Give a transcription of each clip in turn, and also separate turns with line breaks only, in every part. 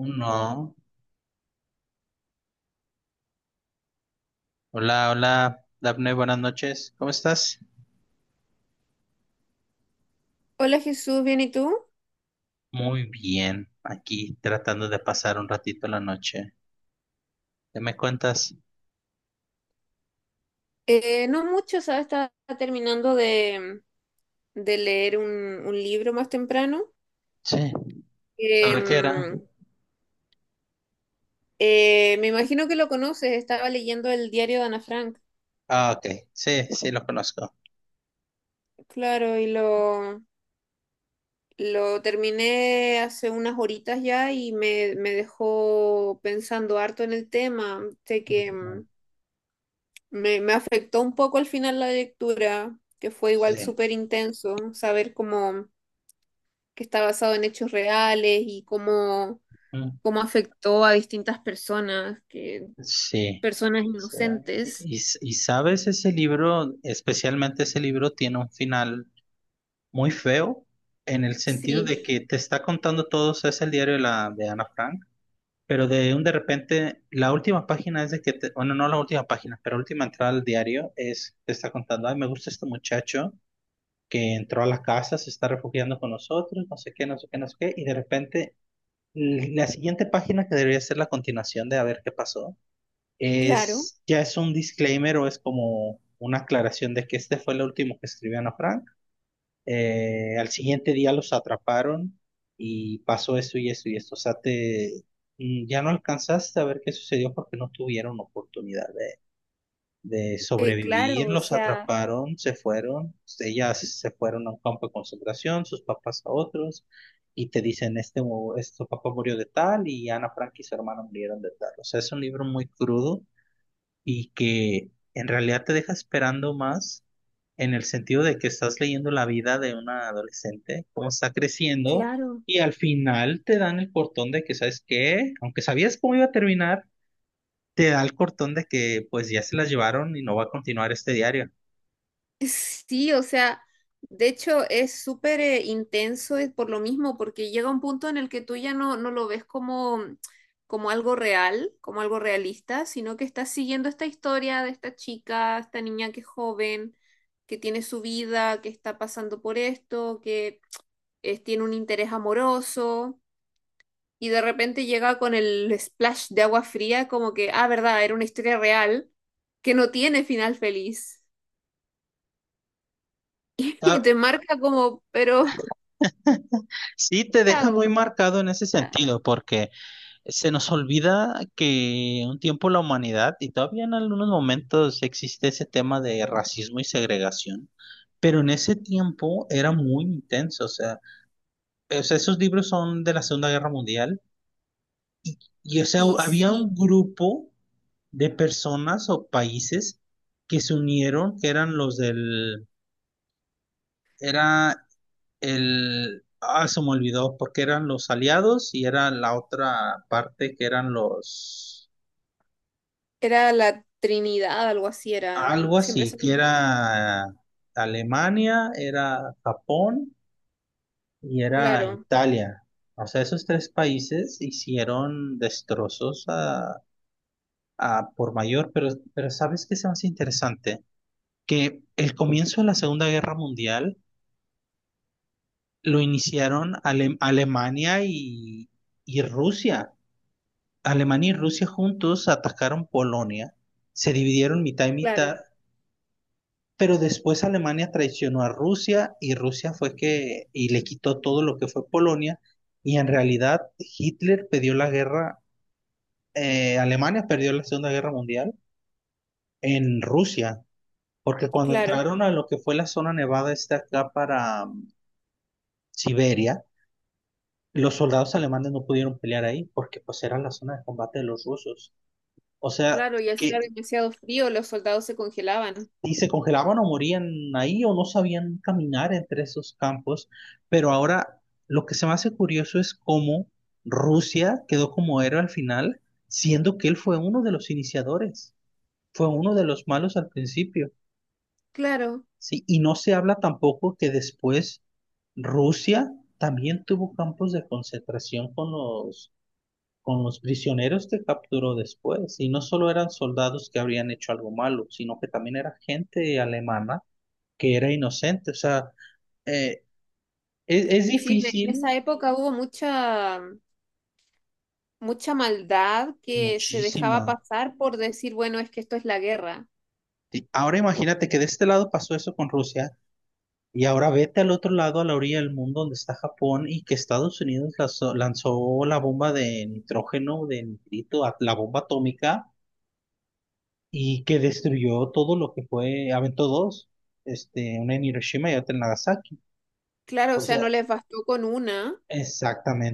Uno. Hola, hola, Daphne, buenas noches. ¿Cómo estás?
Hola Jesús, ¿bien y tú?
Muy bien, aquí tratando de pasar un ratito la noche. ¿Qué me cuentas?
No mucho, ¿sabes? Estaba terminando de leer un libro más temprano.
Sí. ¿Sobre qué era?
Em, Me imagino que lo conoces, estaba leyendo el diario de Ana Frank,
Ah, ok. Sí, sí, lo conozco.
claro, y lo terminé hace unas horitas ya y me dejó pensando harto en el tema. Sé que
Ujú.
me afectó un poco al final la lectura, que fue igual
Sí.
súper intenso, saber cómo que está basado en hechos reales y
Mm.
cómo afectó a distintas personas,
Sí.
personas
O sea,
inocentes.
Y sabes, ese libro, especialmente ese libro, tiene un final muy feo en el sentido
Sí,
de que te está contando todo, o sea, es el diario de Ana Frank. Pero de repente, la última página es de que, bueno, no la última página, pero la última entrada al diario es, te está contando, ay, me gusta este muchacho que entró a la casa, se está refugiando con nosotros, no sé qué, no sé qué, no sé qué, y de repente la siguiente página que debería ser la continuación de a ver qué pasó,
claro,
es, ya es un disclaimer o es como una aclaración de que este fue lo último que escribió Ana Frank, al siguiente día los atraparon y pasó esto y esto y esto. O sea, te, ya no alcanzaste a ver qué sucedió porque no tuvieron oportunidad de
claro,
sobrevivir.
o
Los
sea,
atraparon, se fueron. Ellas se fueron a un campo de concentración, sus papás a otros. Y te dicen, este, este papá murió de tal y Ana Frank y su hermana murieron de tal. O sea, es un libro muy crudo y que en realidad te deja esperando más en el sentido de que estás leyendo la vida de una adolescente, cómo está creciendo,
claro.
y al final te dan el cortón de que, ¿sabes qué? Aunque sabías cómo iba a terminar, te da el cortón de que pues ya se las llevaron y no va a continuar este diario.
Sí, o sea, de hecho es súper intenso por lo mismo, porque llega un punto en el que tú ya no lo ves como, como algo real, como algo realista, sino que estás siguiendo esta historia de esta chica, esta niña que es joven, que tiene su vida, que está pasando por esto, que tiene un interés amoroso, y de repente llega con el splash de agua fría, como que, ah, verdad, era una historia real que no tiene final feliz. Y
Ah,
te marca como, pero
sí, te
¿qué
deja
hago?
muy marcado en ese
Era-
sentido, porque se nos olvida que un tiempo la humanidad, y todavía en algunos momentos existe ese tema de racismo y segregación, pero en ese tiempo era muy intenso, o sea, esos libros son de la Segunda Guerra Mundial, y o sea,
Y
había
sí,
un grupo de personas o países que se unieron, que eran los del, era el, ah, se me olvidó, porque eran los aliados y era la otra parte que eran los,
era la Trinidad, algo así era.
algo
Siempre
así,
se me
que
olvida.
era Alemania, era Japón y era
Claro,
Italia. O sea, esos tres países hicieron destrozos a por mayor, pero ¿sabes qué es más interesante? Que el comienzo de la Segunda Guerra Mundial lo iniciaron Alemania y Rusia. Alemania y Rusia juntos atacaron Polonia, se dividieron mitad y mitad,
claro,
pero después Alemania traicionó a Rusia y Rusia fue que y le quitó todo lo que fue Polonia y en realidad Hitler perdió la guerra. Alemania perdió la Segunda Guerra Mundial en Rusia, porque cuando
claro,
entraron a lo que fue la zona nevada esta acá para Siberia, los soldados alemanes no pudieron pelear ahí porque pues era la zona de combate de los rusos. O sea,
claro. Y hacía
que
demasiado frío, los soldados se congelaban.
y se congelaban o morían ahí o no sabían caminar entre esos campos. Pero ahora lo que se me hace curioso es cómo Rusia quedó como héroe al final, siendo que él fue uno de los iniciadores, fue uno de los malos al principio.
Claro,
Sí, y no se habla tampoco que después Rusia también tuvo campos de concentración con los, prisioneros que capturó después. Y no solo eran soldados que habrían hecho algo malo, sino que también era gente alemana que era inocente. O sea, eh, es
sí, en esa
difícil,
época hubo mucha maldad que se dejaba
muchísima.
pasar por decir, bueno, es que esto es la guerra.
Y ahora imagínate que de este lado pasó eso con Rusia y ahora vete al otro lado, a la orilla del mundo donde está Japón y que Estados Unidos lanzó la bomba de nitrógeno, de nitrito, la bomba atómica y que destruyó todo lo que fue, aventó dos, una en Hiroshima y otra en Nagasaki.
Claro, o
O
sea,
sea,
no les bastó con una,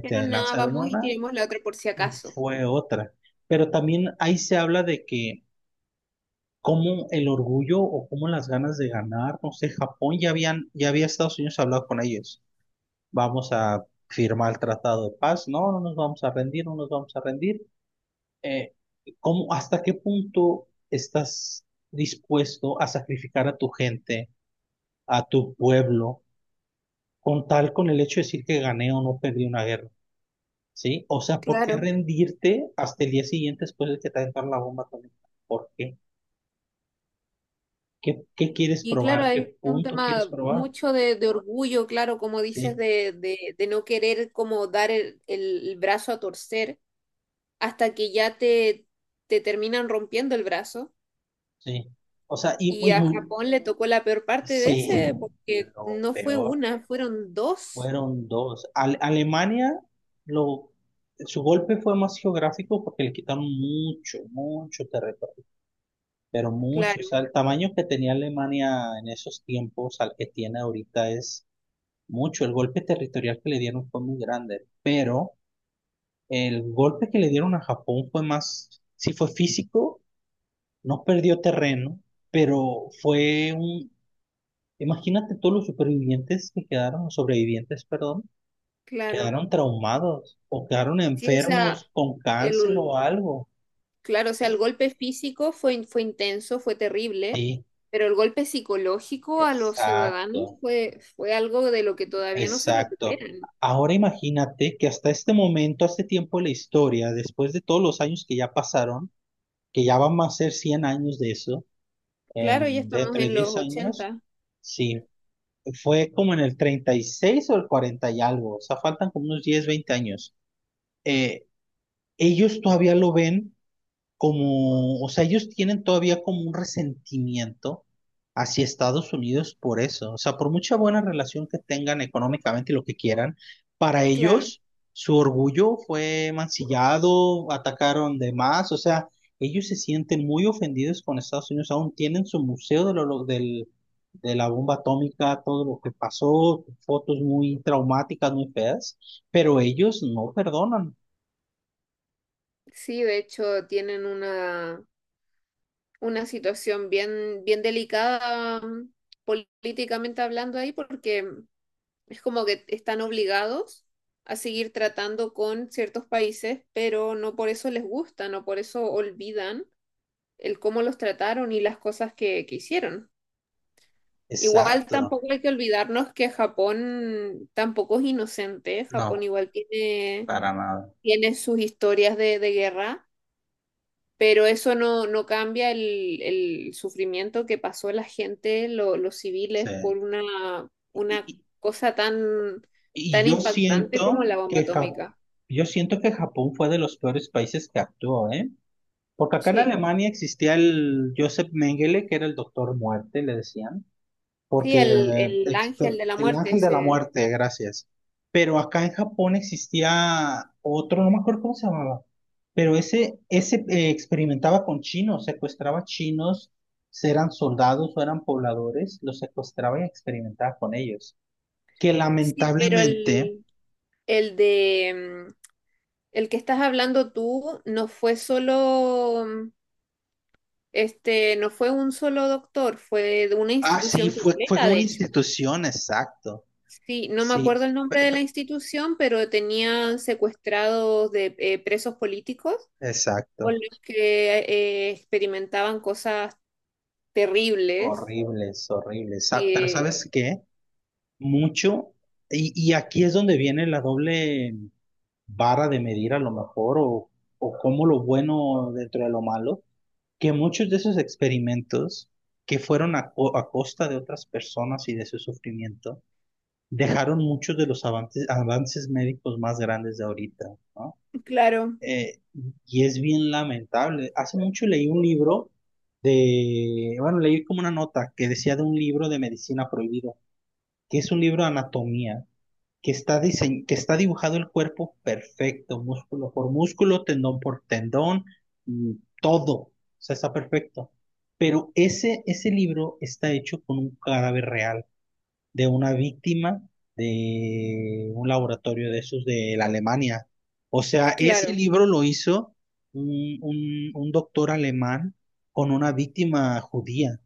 pero nada,
lanzaron
vamos y
una
tiremos la otra por si
y
acaso.
fue otra. Pero también ahí se habla de que cómo el orgullo o cómo las ganas de ganar, no sé, Japón ya habían, ya había Estados Unidos hablado con ellos. Vamos a firmar el tratado de paz, no, no nos vamos a rendir, no nos vamos a rendir. Eh, ¿Cómo, hasta qué punto estás dispuesto a sacrificar a tu gente, a tu pueblo, con tal con el hecho de decir que gané o no perdí una guerra? ¿Sí? O sea, ¿por qué
Claro.
rendirte hasta el día siguiente después de que te aventaron la bomba atómica? ¿Por qué? ¿Qué, qué quieres
Y claro,
probar? ¿Qué
hay un
punto quieres
tema
probar?
mucho de orgullo, claro, como dices,
Sí,
de no querer como dar el brazo a torcer hasta que ya te terminan rompiendo el brazo.
sí. O sea, y
Y
muy,
a
muy,
Japón le tocó la peor parte de
sí,
ese, porque
lo
no fue
peor
una, fueron dos.
fueron dos. Alemania, lo, su golpe fue más geográfico porque le quitaron mucho, mucho territorio, pero mucho. O
Claro,
sea, el tamaño que tenía Alemania en esos tiempos al que tiene ahorita es mucho. El golpe territorial que le dieron fue muy grande, pero el golpe que le dieron a Japón fue más, sí fue físico, no perdió terreno pero fue un, imagínate todos los supervivientes que quedaron, los sobrevivientes, perdón,
claro.
quedaron traumados o quedaron
Sí, o sea,
enfermos con cáncer o
el,
algo.
Claro, o sea, el golpe físico fue intenso, fue terrible,
Sí,
pero el golpe psicológico a los ciudadanos
exacto,
fue algo de lo que todavía no se
exacto.
recuperan.
Ahora imagínate que hasta este momento, hasta este tiempo de la historia, después de todos los años que ya pasaron, que ya van a ser 100 años de eso,
Claro, ya
en,
estamos
dentro de
en los
10 años,
ochenta
sí, fue como en el 36 o el 40 y algo, o sea, faltan como unos 10 20 años. Eh, ellos todavía lo ven como, o sea, ellos tienen todavía como un resentimiento hacia Estados Unidos por eso. O sea, por mucha buena relación que tengan económicamente y lo que quieran, para
claro.
ellos su orgullo fue mancillado, atacaron de más, o sea, ellos se sienten muy ofendidos con Estados Unidos, aún tienen su museo del, de la bomba atómica, todo lo que pasó, fotos muy traumáticas, muy feas, pero ellos no perdonan.
Sí, de hecho, una situación bien delicada políticamente hablando ahí, porque es como que están obligados a seguir tratando con ciertos países, pero no por eso les gusta, no por eso olvidan el cómo los trataron y las cosas que hicieron. Igual
Exacto.
tampoco hay que olvidarnos que Japón tampoco es inocente. Japón
No,
igual
para nada.
tiene sus historias de guerra, pero eso no, no cambia el sufrimiento que pasó la gente, los
Sí.
civiles, por
Y,
una
y-
cosa tan,
y
tan impactante como la bomba atómica.
yo siento que Japón fue de los peores países que actuó, ¿eh? Porque acá en
Sí,
Alemania existía el Joseph Mengele, que era el doctor muerte, le decían.
sí,
Porque
el ángel de la
el
muerte
ángel de la
ese.
muerte, gracias. Pero acá en Japón existía otro, no me acuerdo cómo se llamaba, pero ese, ese experimentaba con chinos, secuestraba chinos, si eran soldados o eran pobladores, los secuestraba y experimentaba con ellos. Que
Sí, pero
lamentablemente,
el de mm, El que estás hablando tú no fue solo, no fue un solo doctor, fue de una
sí,
institución
fue
completa,
con
de
una
hecho.
institución, exacto.
Sí, no me
Sí,
acuerdo el nombre de la institución, pero tenían secuestrados de presos políticos con
exacto.
los que experimentaban cosas terribles.
Horribles, horribles. Pero
Que,
¿sabes qué? Mucho. Y aquí es donde viene la doble vara de medir a lo mejor, o, como lo bueno dentro de lo malo, que muchos de esos experimentos que fueron a costa de otras personas y de su sufrimiento, dejaron muchos de los avances, avances médicos más grandes de ahorita, ¿no?
claro,
Eh, y es bien lamentable. Hace mucho leí un libro bueno, leí como una nota que decía de un libro de medicina prohibido, que es un libro de anatomía que que está dibujado el cuerpo perfecto, músculo por músculo, tendón por tendón, mm, todo, o sea, está perfecto. Pero ese libro está hecho con un cadáver real de una víctima de un laboratorio de esos de la Alemania. O sea, ese
claro.
libro lo hizo un, un doctor alemán con una víctima judía.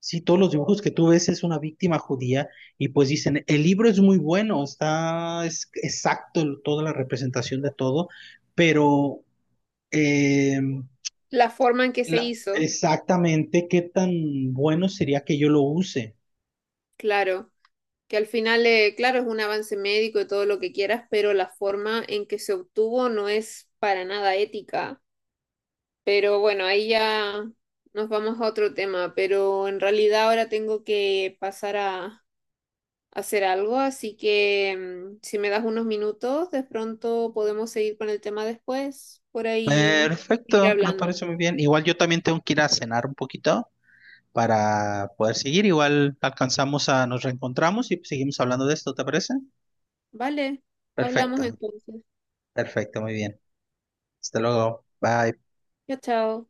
Sí, todos los dibujos que tú ves es una víctima judía y pues dicen, el libro es muy bueno, está es exacto el- toda la representación de todo, pero eh,
La forma en que se hizo,
exactamente qué tan bueno sería que yo lo use.
claro. Que al final, claro, es un avance médico y todo lo que quieras, pero la forma en que se obtuvo no es para nada ética. Pero bueno, ahí ya nos vamos a otro tema, pero en realidad ahora tengo que pasar a hacer algo, así que si me das unos minutos, de pronto podemos seguir con el tema después, por ahí ir
Perfecto, me
hablando.
parece muy bien. Igual yo también tengo que ir a cenar un poquito para poder seguir. Igual alcanzamos a, nos reencontramos y seguimos hablando de esto, ¿te parece?
Vale, hablamos
Perfecto,
entonces.
perfecto, muy bien. Hasta luego, bye.
Chao, chao.